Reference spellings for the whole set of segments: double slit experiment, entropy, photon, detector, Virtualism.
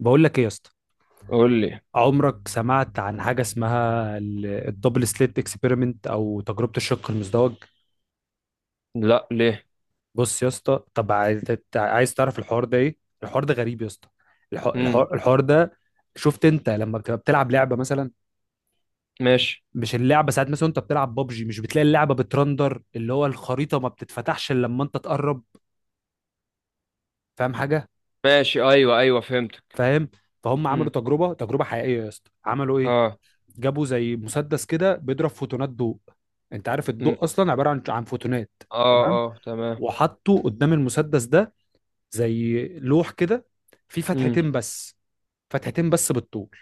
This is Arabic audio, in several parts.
بقول لك ايه يا اسطى؟ قول لي. عمرك سمعت عن حاجه اسمها الدبل سليت اكسبيرمنت او تجربه الشق المزدوج؟ لا، ليه؟ بص يا اسطى، طب عايز تعرف الحوار ده ايه؟ الحوار ده غريب يا اسطى. الح- امم الحوار الحوار ده، شفت انت لما بتبقى بتلعب لعبه مثلا؟ ماشي. مش اللعبه ساعات مثلا انت بتلعب ببجي، مش بتلاقي اللعبه بترندر؟ اللي هو الخريطه ما بتتفتحش الا لما انت تقرب. فاهم حاجه؟ ماشي، ايوه ايوه فهمتك. فاهم. فهم، عملوا امم تجربه حقيقيه يا اسطى. عملوا ايه؟ اه. جابوا زي مسدس كده بيضرب فوتونات ضوء. انت عارف مم. الضوء اصلا عباره عن فوتونات؟ اه تمام. اه تمام. وحطوا قدام المسدس ده زي لوح كده، فيه امم فتحتين بس، فتحتين بس بالطول.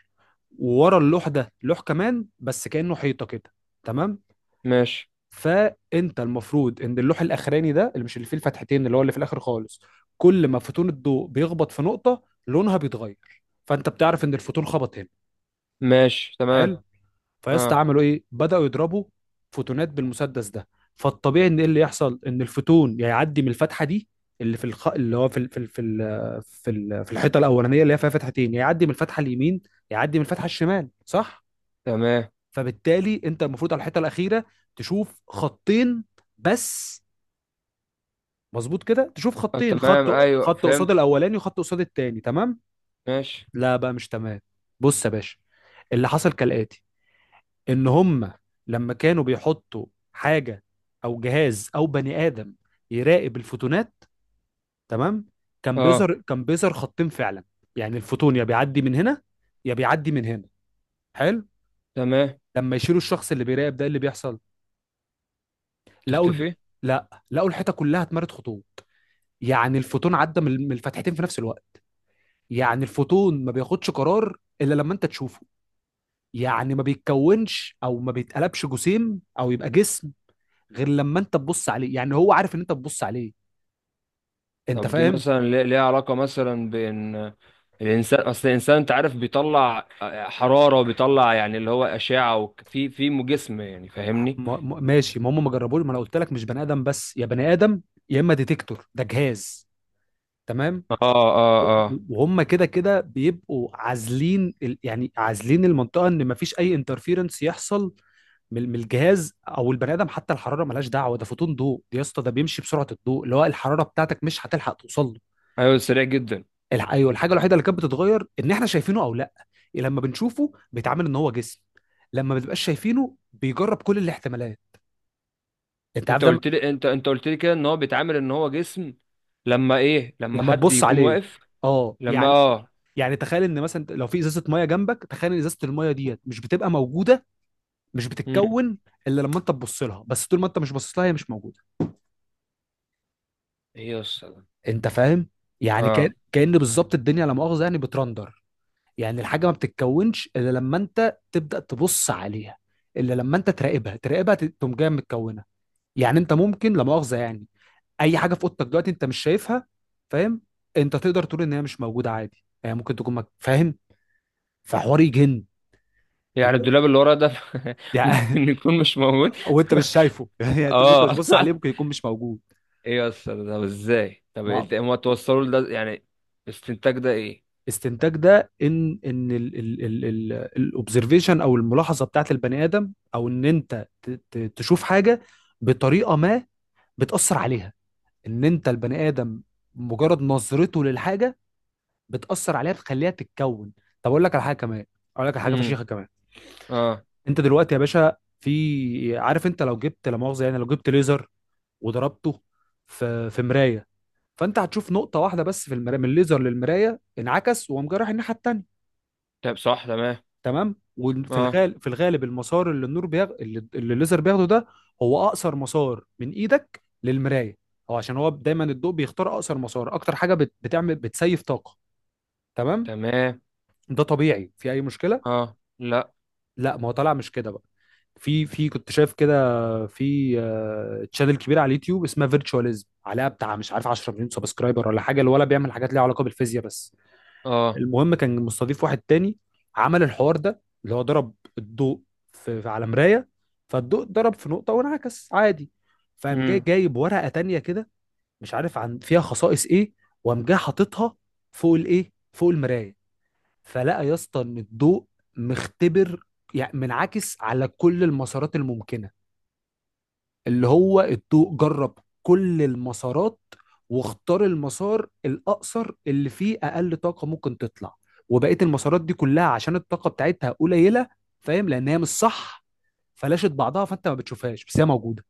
وورا اللوح ده لوح كمان، بس كأنه حيطة كده. تمام. ماشي. فانت المفروض ان اللوح الاخراني ده، اللي مش اللي فيه الفتحتين، اللي هو اللي في الاخر خالص، كل ما فوتون الضوء بيخبط في نقطة لونها بيتغير، فانت بتعرف ان الفوتون خبط هنا. ماشي تمام. حلو. فيا اسطى، اه عملوا ايه؟ بداوا يضربوا فوتونات بالمسدس ده. فالطبيعي ان ايه اللي يحصل؟ ان الفوتون يا يعدي من الفتحه دي، اللي في الخ... اللي هو في ال... في ال... في ال... في, ال... في الحيطه الاولانيه اللي هي فيها فتحتين، يا يعدي من الفتحه اليمين، يا يعدي من الفتحه الشمال، صح؟ تمام. فبالتالي انت المفروض على الحيطه الاخيره تشوف خطين بس، مظبوط كده، تشوف اه خطين، تمام خط ايوه خط قصاد فهمت. الاولاني وخط قصاد التاني، تمام؟ ماشي. لا بقى، مش تمام. بص يا باشا، اللي حصل كالاتي: ان هم لما كانوا بيحطوا حاجه او جهاز او بني ادم يراقب الفوتونات، تمام، كان اه بيظهر، كان بيظهر خطين فعلا. يعني الفوتون يا بيعدي من هنا يا بيعدي من هنا، حلو. تمام. لما يشيلوا الشخص اللي بيراقب ده إيه اللي بيحصل؟ لقوا الب... تختفي. لا، لقوا الحيطه كلها اتمرت خطوط. يعني الفوتون عدى من الفتحتين في نفس الوقت. يعني الفوتون ما بياخدش قرار الا لما انت تشوفه. يعني ما بيتكونش او ما بيتقلبش جسيم او يبقى جسم غير لما انت تبص عليه. يعني هو عارف ان انت بتبص عليه؟ انت طب دي فاهم؟ مثلا ليها علاقة مثلا بين الانسان؟ اصل الانسان انت عارف بيطلع حرارة وبيطلع يعني اللي هو اشعة في جسم، يعني فاهمني؟ ماشي، ما هم ما جربوش، ما انا قلت لك مش بني ادم بس، يا بني ادم يا اما ديتكتور ده جهاز، تمام. اه و- اه اه. وهم كده كده بيبقوا عازلين يعني عازلين المنطقه ان ما فيش اي انترفيرنس يحصل من الجهاز او البني ادم. حتى الحراره ملهاش دعوه، ده فوتون ضوء دي يا اسطى، ده بيمشي بسرعه الضوء، اللي هو الحراره بتاعتك مش هتلحق توصل له. ايوه سريع جدا. ايوه، الحاجه الوحيده اللي كانت بتتغير ان احنا شايفينه او لا. لما بنشوفه بيتعامل ان هو جسم، لما ما بتبقاش شايفينه بيجرب كل الاحتمالات. انت عارف انت ده قلت لي، انت قلت لي كده ان هو بيتعامل ان هو جسم لما ايه؟ لما لما حد تبص يكون عليه، واقف؟ اه لما يعني. اه. يعني تخيل ان مثلا لو في ازازه ميه جنبك، تخيل ان ازازه الميه ديت مش بتبقى موجوده، مش مم. بتتكون الا لما انت تبص لها. بس طول ما انت مش باصص لها هي مش موجوده. ايه يا اسطى ده؟ انت فاهم؟ يعني كان اه كان بالظبط الدنيا لا مؤاخذه يعني بترندر. يعني الحاجه ما بتتكونش الا لما انت تبدا تبص عليها، الا لما انت تراقبها، تقوم جايه متكونه. يعني انت ممكن لا مؤاخذه يعني اي حاجه في اوضتك دلوقتي انت مش شايفها، فاهم؟ انت تقدر تقول ان هي مش موجوده عادي يعني، ممكن تكون فاهم؟ فحوار يجن يعني. الدولاب اللي ورا ده يعني. ممكن يكون مش موجود. وانت مش شايفه يعني طول ما انت مش اه. باصص عليه ممكن يكون مش موجود. ايه يا اسطى ده؟ طب ازاي؟ طب ما انت هما توصلوا لده يعني الاستنتاج ده ايه؟ استنتاج ده ان الاوبزرفيشن او الملاحظه بتاعت البني ادم، او ان انت تشوف حاجه بطريقه ما بتاثر عليها، ان انت البني ادم مجرد نظرته للحاجه بتاثر عليها، بتخليها تتكون. طب اقول لك على حاجه كمان، اقول لك على حاجه امم فشيخه كمان. اه. انت دلوقتي يا باشا، في، عارف انت لو جبت لا مؤاخذه يعني، لو جبت ليزر وضربته في مرايه، فانت هتشوف نقطه واحده بس في المرايه، من الليزر للمرايه انعكس وقام جاي رايح الناحيه التانيه، طب صح تمام. تمام. وفي اه الغالب، في الغالب، المسار اللي النور بيغ... اللي اللي الليزر بياخده ده هو اقصر مسار من ايدك للمرايه. هو عشان هو دايما الضوء بيختار اقصر مسار، اكتر حاجه بتعمل بتسيف طاقه، تمام. تمام. ده طبيعي، في اي مشكله؟ اه لا. لا، ما هو طالع مش كده بقى. في، كنت شايف كده، في تشانل كبير على اليوتيوب اسمها فيرتشواليزم، عليها بتاع مش عارف 10 مليون سبسكرايبر ولا حاجه، الولا بيعمل حاجات ليها علاقه بالفيزياء بس. اه. المهم كان مستضيف واحد تاني، عمل الحوار ده اللي هو ضرب الضوء على مرايه، فالضوء ضرب في نقطه وانعكس عادي. فقام جاي مم. جايب ورقه تانيه كده، مش عارف عن فيها خصائص ايه، وقام جاي حاططها فوق الايه، فوق المرايه. فلقى يا اسطى ان الضوء مختبر، يعني منعكس على كل المسارات الممكنه. اللي هو الضوء جرب كل المسارات، واختار المسار الاقصر اللي فيه اقل طاقه ممكن تطلع. وبقيه المسارات دي كلها، عشان الطاقه بتاعتها قليله، فاهم، لان هي مش صح، فلاشت بعضها، فانت ما بتشوفهاش بس هي موجوده.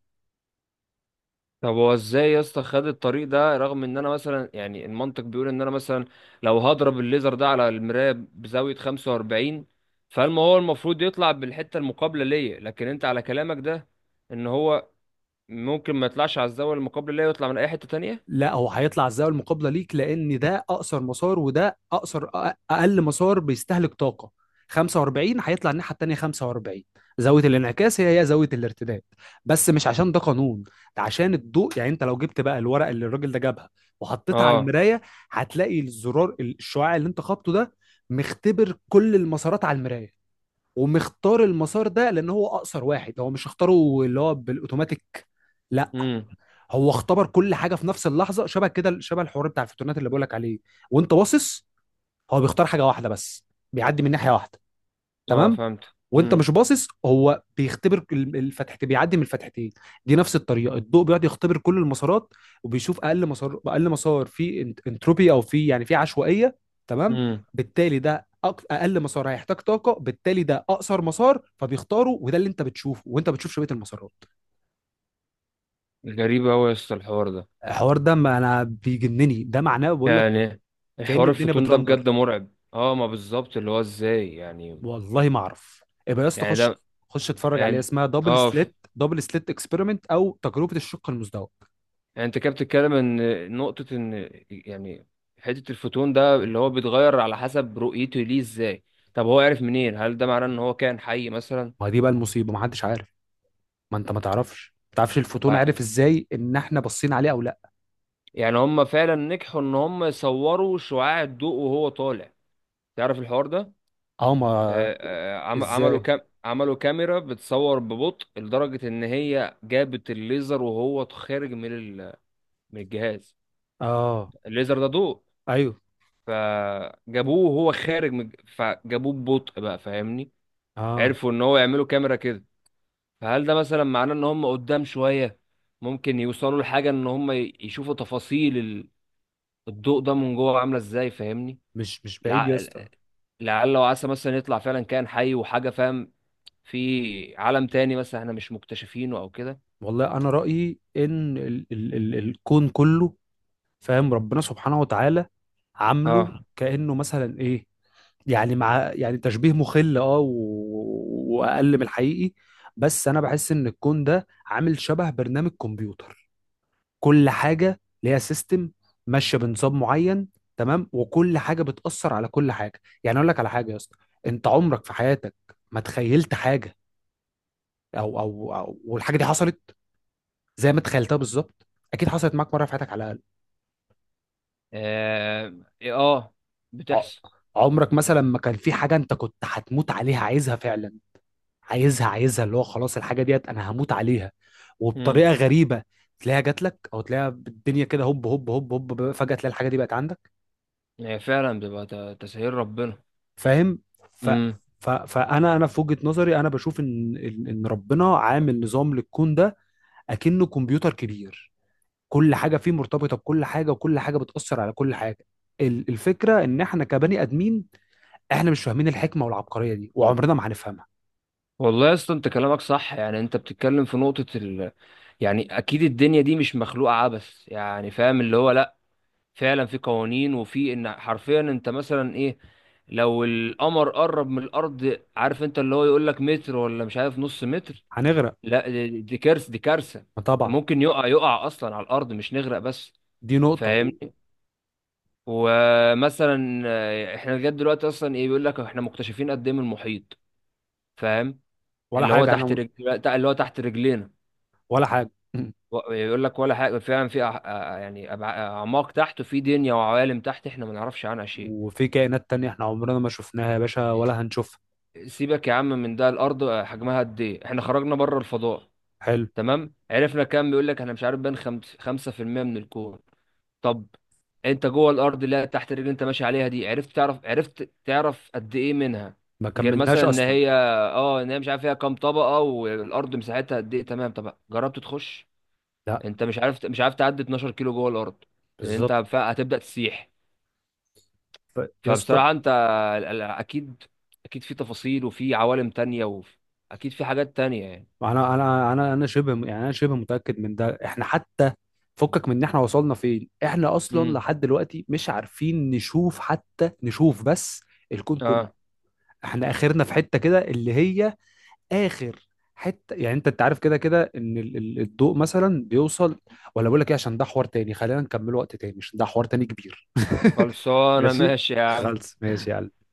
طب هو ازاي يا اسطى خد الطريق ده، رغم ان انا مثلا يعني المنطق بيقول ان انا مثلا لو هضرب الليزر ده على المرايه بزاويه 45، فالما هو المفروض يطلع بالحته المقابله ليا. لكن انت على كلامك ده ان هو ممكن ما يطلعش على الزاويه المقابله ليا ويطلع من اي حته تانية. لا، هو هيطلع الزاويه المقابله ليك، لان ده اقصر مسار، وده اقل مسار بيستهلك طاقه. 45 هيطلع الناحيه التانيه 45. زاويه الانعكاس هي زاويه الارتداد، بس مش عشان ده قانون، ده عشان الضوء. يعني انت لو جبت بقى الورقه اللي الراجل ده جابها، وحطيتها على اه. المرايه، هتلاقي الزرار الشعاع اللي انت خبطه ده مختبر كل المسارات على المرايه، ومختار المسار ده لان هو اقصر واحد. هو مش اختاره اللي هو بالاوتوماتيك، لا، امم هو اختبر كل حاجه في نفس اللحظه، شبه كده شبه الحوار بتاع الفوتونات اللي بقول لك عليه. وانت باصص هو بيختار حاجه واحده بس، بيعدي من ناحيه واحده، اه تمام. فهمت. وانت امم مش باصص هو بيختبر الفتحتين، بيعدي من الفتحتين. دي نفس الطريقه، الضوء بيقعد يختبر كل المسارات، وبيشوف اقل مسار، اقل مسار فيه انتروبي، او فيه يعني فيه عشوائيه، تمام. امم بالتالي ده اقل مسار هيحتاج طاقه، بالتالي ده اقصر مسار فبيختاره، وده اللي انت بتشوفه، وانت بتشوف شبيه المسارات. غريب قوي يا اسطى الحوار ده. الحوار ده ما انا بيجنني، ده معناه بقول لك، يعني كأن الحوار الدنيا الفوتون ده بجد بترندر. مرعب. اه، ما بالظبط، اللي هو ازاي يعني؟ والله ما اعرف. يبقى يا اسطى يعني خش، ده خش اتفرج عليها، يعني اسمها دبل اه سليت، دبل سليت اكسبيرمنت او تجربه الشق المزدوج. يعني انت كده بتتكلم ان نقطة ان يعني حتة الفوتون ده اللي هو بيتغير على حسب رؤيته ليه ازاي؟ طب هو عرف منين؟ هل ده معناه ان هو كائن حي مثلا؟ ما دي بقى المصيبه، ما حدش عارف. ما انت ما تعرفش، ما تعرفش الفوتون و- عارف ازاي ان احنا باصين عليه او لا. يعني هم فعلا نجحوا ان هم يصوروا شعاع الضوء وهو طالع؟ تعرف الحوار ده؟ اه، ما آه، عملوا ازاي؟ كام، عملوا كاميرا بتصور ببطء لدرجة ان هي جابت الليزر وهو خارج من الجهاز. اه، الليزر ده ضوء. ايوه. فجابوه وهو خارج من، فجابوه ببطء بقى، فاهمني؟ اه، عرفوا ان هو يعملوا كاميرا كده. فهل ده مثلا معناه ان هم قدام شوية ممكن يوصلوا لحاجة ان هم يشوفوا تفاصيل الضوء ده من جوه عاملة ازاي، فاهمني؟ مش مش بعيد يا لع- اسطى. لعل وعسى مثلا يطلع فعلا كائن حي وحاجة، فاهم؟ في عالم تاني مثلا احنا مش مكتشفينه او كده. والله انا رايي ان ال ال ال الكون كله، فاهم، ربنا سبحانه وتعالى عامله اه. كانه مثلا ايه، يعني مع يعني تشبيه مخل، واقل من الحقيقي، بس انا بحس ان الكون ده عامل شبه برنامج كمبيوتر. كل حاجه ليها سيستم، ماشيه بنظام معين، تمام. وكل حاجه بتاثر على كل حاجه. يعني اقول لك على حاجه يا اسطى، انت عمرك في حياتك ما تخيلت حاجه او والحاجه دي حصلت زي ما تخيلتها بالظبط؟ اكيد حصلت معاك مره في حياتك على الاقل. اه, آه, ع- بتحصل. عمرك مثلا ما كان في حاجه انت كنت هتموت عليها، عايزها فعلا، عايزها، اللي هو خلاص الحاجه ديت انا هموت عليها، امم وبطريقه غريبه تلاقيها جات لك، او تلاقيها بالدنيا كده هوب هوب هوب هوب فجاه تلاقي الحاجه دي بقت عندك. هي فعلا تسهيل ربنا. فاهم؟ ف امم ف فانا انا في وجهه نظري انا بشوف ان ان إن ربنا عامل نظام للكون ده، اكنه كمبيوتر كبير، كل حاجه فيه مرتبطه بكل حاجه، وكل حاجه بتاثر على كل حاجه. الفكره ان احنا كبني ادمين، احنا مش فاهمين الحكمه والعبقريه دي، وعمرنا ما هنفهمها. والله يا اسطى انت كلامك صح، يعني انت بتتكلم في نقطة. يعني اكيد الدنيا دي مش مخلوقه عبث، يعني فاهم اللي هو لا، فعلا في قوانين وفي ان حرفيا انت مثلا ايه، لو القمر قرب من الارض، عارف انت اللي هو يقول لك متر ولا مش عارف نص متر. هنغرق، لا دي دي كارثه، دي كارثه. ما طبعا. ممكن يقع، يقع اصلا على الارض مش نغرق بس، دي نقطه. فاهمني؟ ومثلا احنا لغايه دلوقتي اصلا ايه بيقول لك احنا مكتشفين قد ايه من المحيط؟ فاهم ولا اللي هو حاجه تحت احنا، رجل، اللي هو تحت رجلينا، ولا حاجه. يقول لك ولا حاجة. فعلا في يعني أعماق تحت وفي دنيا وعوالم تحت احنا ما نعرفش عنها شيء. وفي كائنات تانية احنا عمرنا ما شفناها يا باشا ولا هنشوفها. سيبك يا عم من ده، الأرض حجمها قد إيه؟ احنا خرجنا بره الفضاء، حلو، تمام، عرفنا كام؟ بيقول لك احنا مش عارف بين 5% من الكون. طب انت جوه الأرض اللي هي تحت الرجل انت ماشي عليها دي، عرفت تعرف، عرفت تعرف قد إيه منها ما غير كملناش مثلا ان اصلا، هي اه ان هي مش عارف فيها كام طبقة والأرض مساحتها قد إيه؟ تمام، طب جربت تخش؟ لا انت مش عارف، مش عارف تعدي 12 كيلو جوه الارض، لان انت بالظبط. هتبدا تسيح. ف- يا اسطى، فبصراحه انت اكيد، اكيد في تفاصيل وفي عوالم تانية، واكيد في حاجات تانية يعني. انا شبه يعني، انا شبه متاكد من ده. احنا حتى فكك من ان احنا وصلنا فين، احنا اصلا امم لحد دلوقتي مش عارفين نشوف، حتى نشوف بس الكون كله. اه احنا اخرنا في حته كده اللي هي اخر حته، يعني انت انت عارف كده كده ان الضوء مثلا بيوصل، ولا بقول لك ايه، عشان ده حوار تاني، خلينا نكمله وقت تاني، عشان ده حوار تاني كبير. خلصانه ماشي، ماشي يا عم. خلص، ماشي يا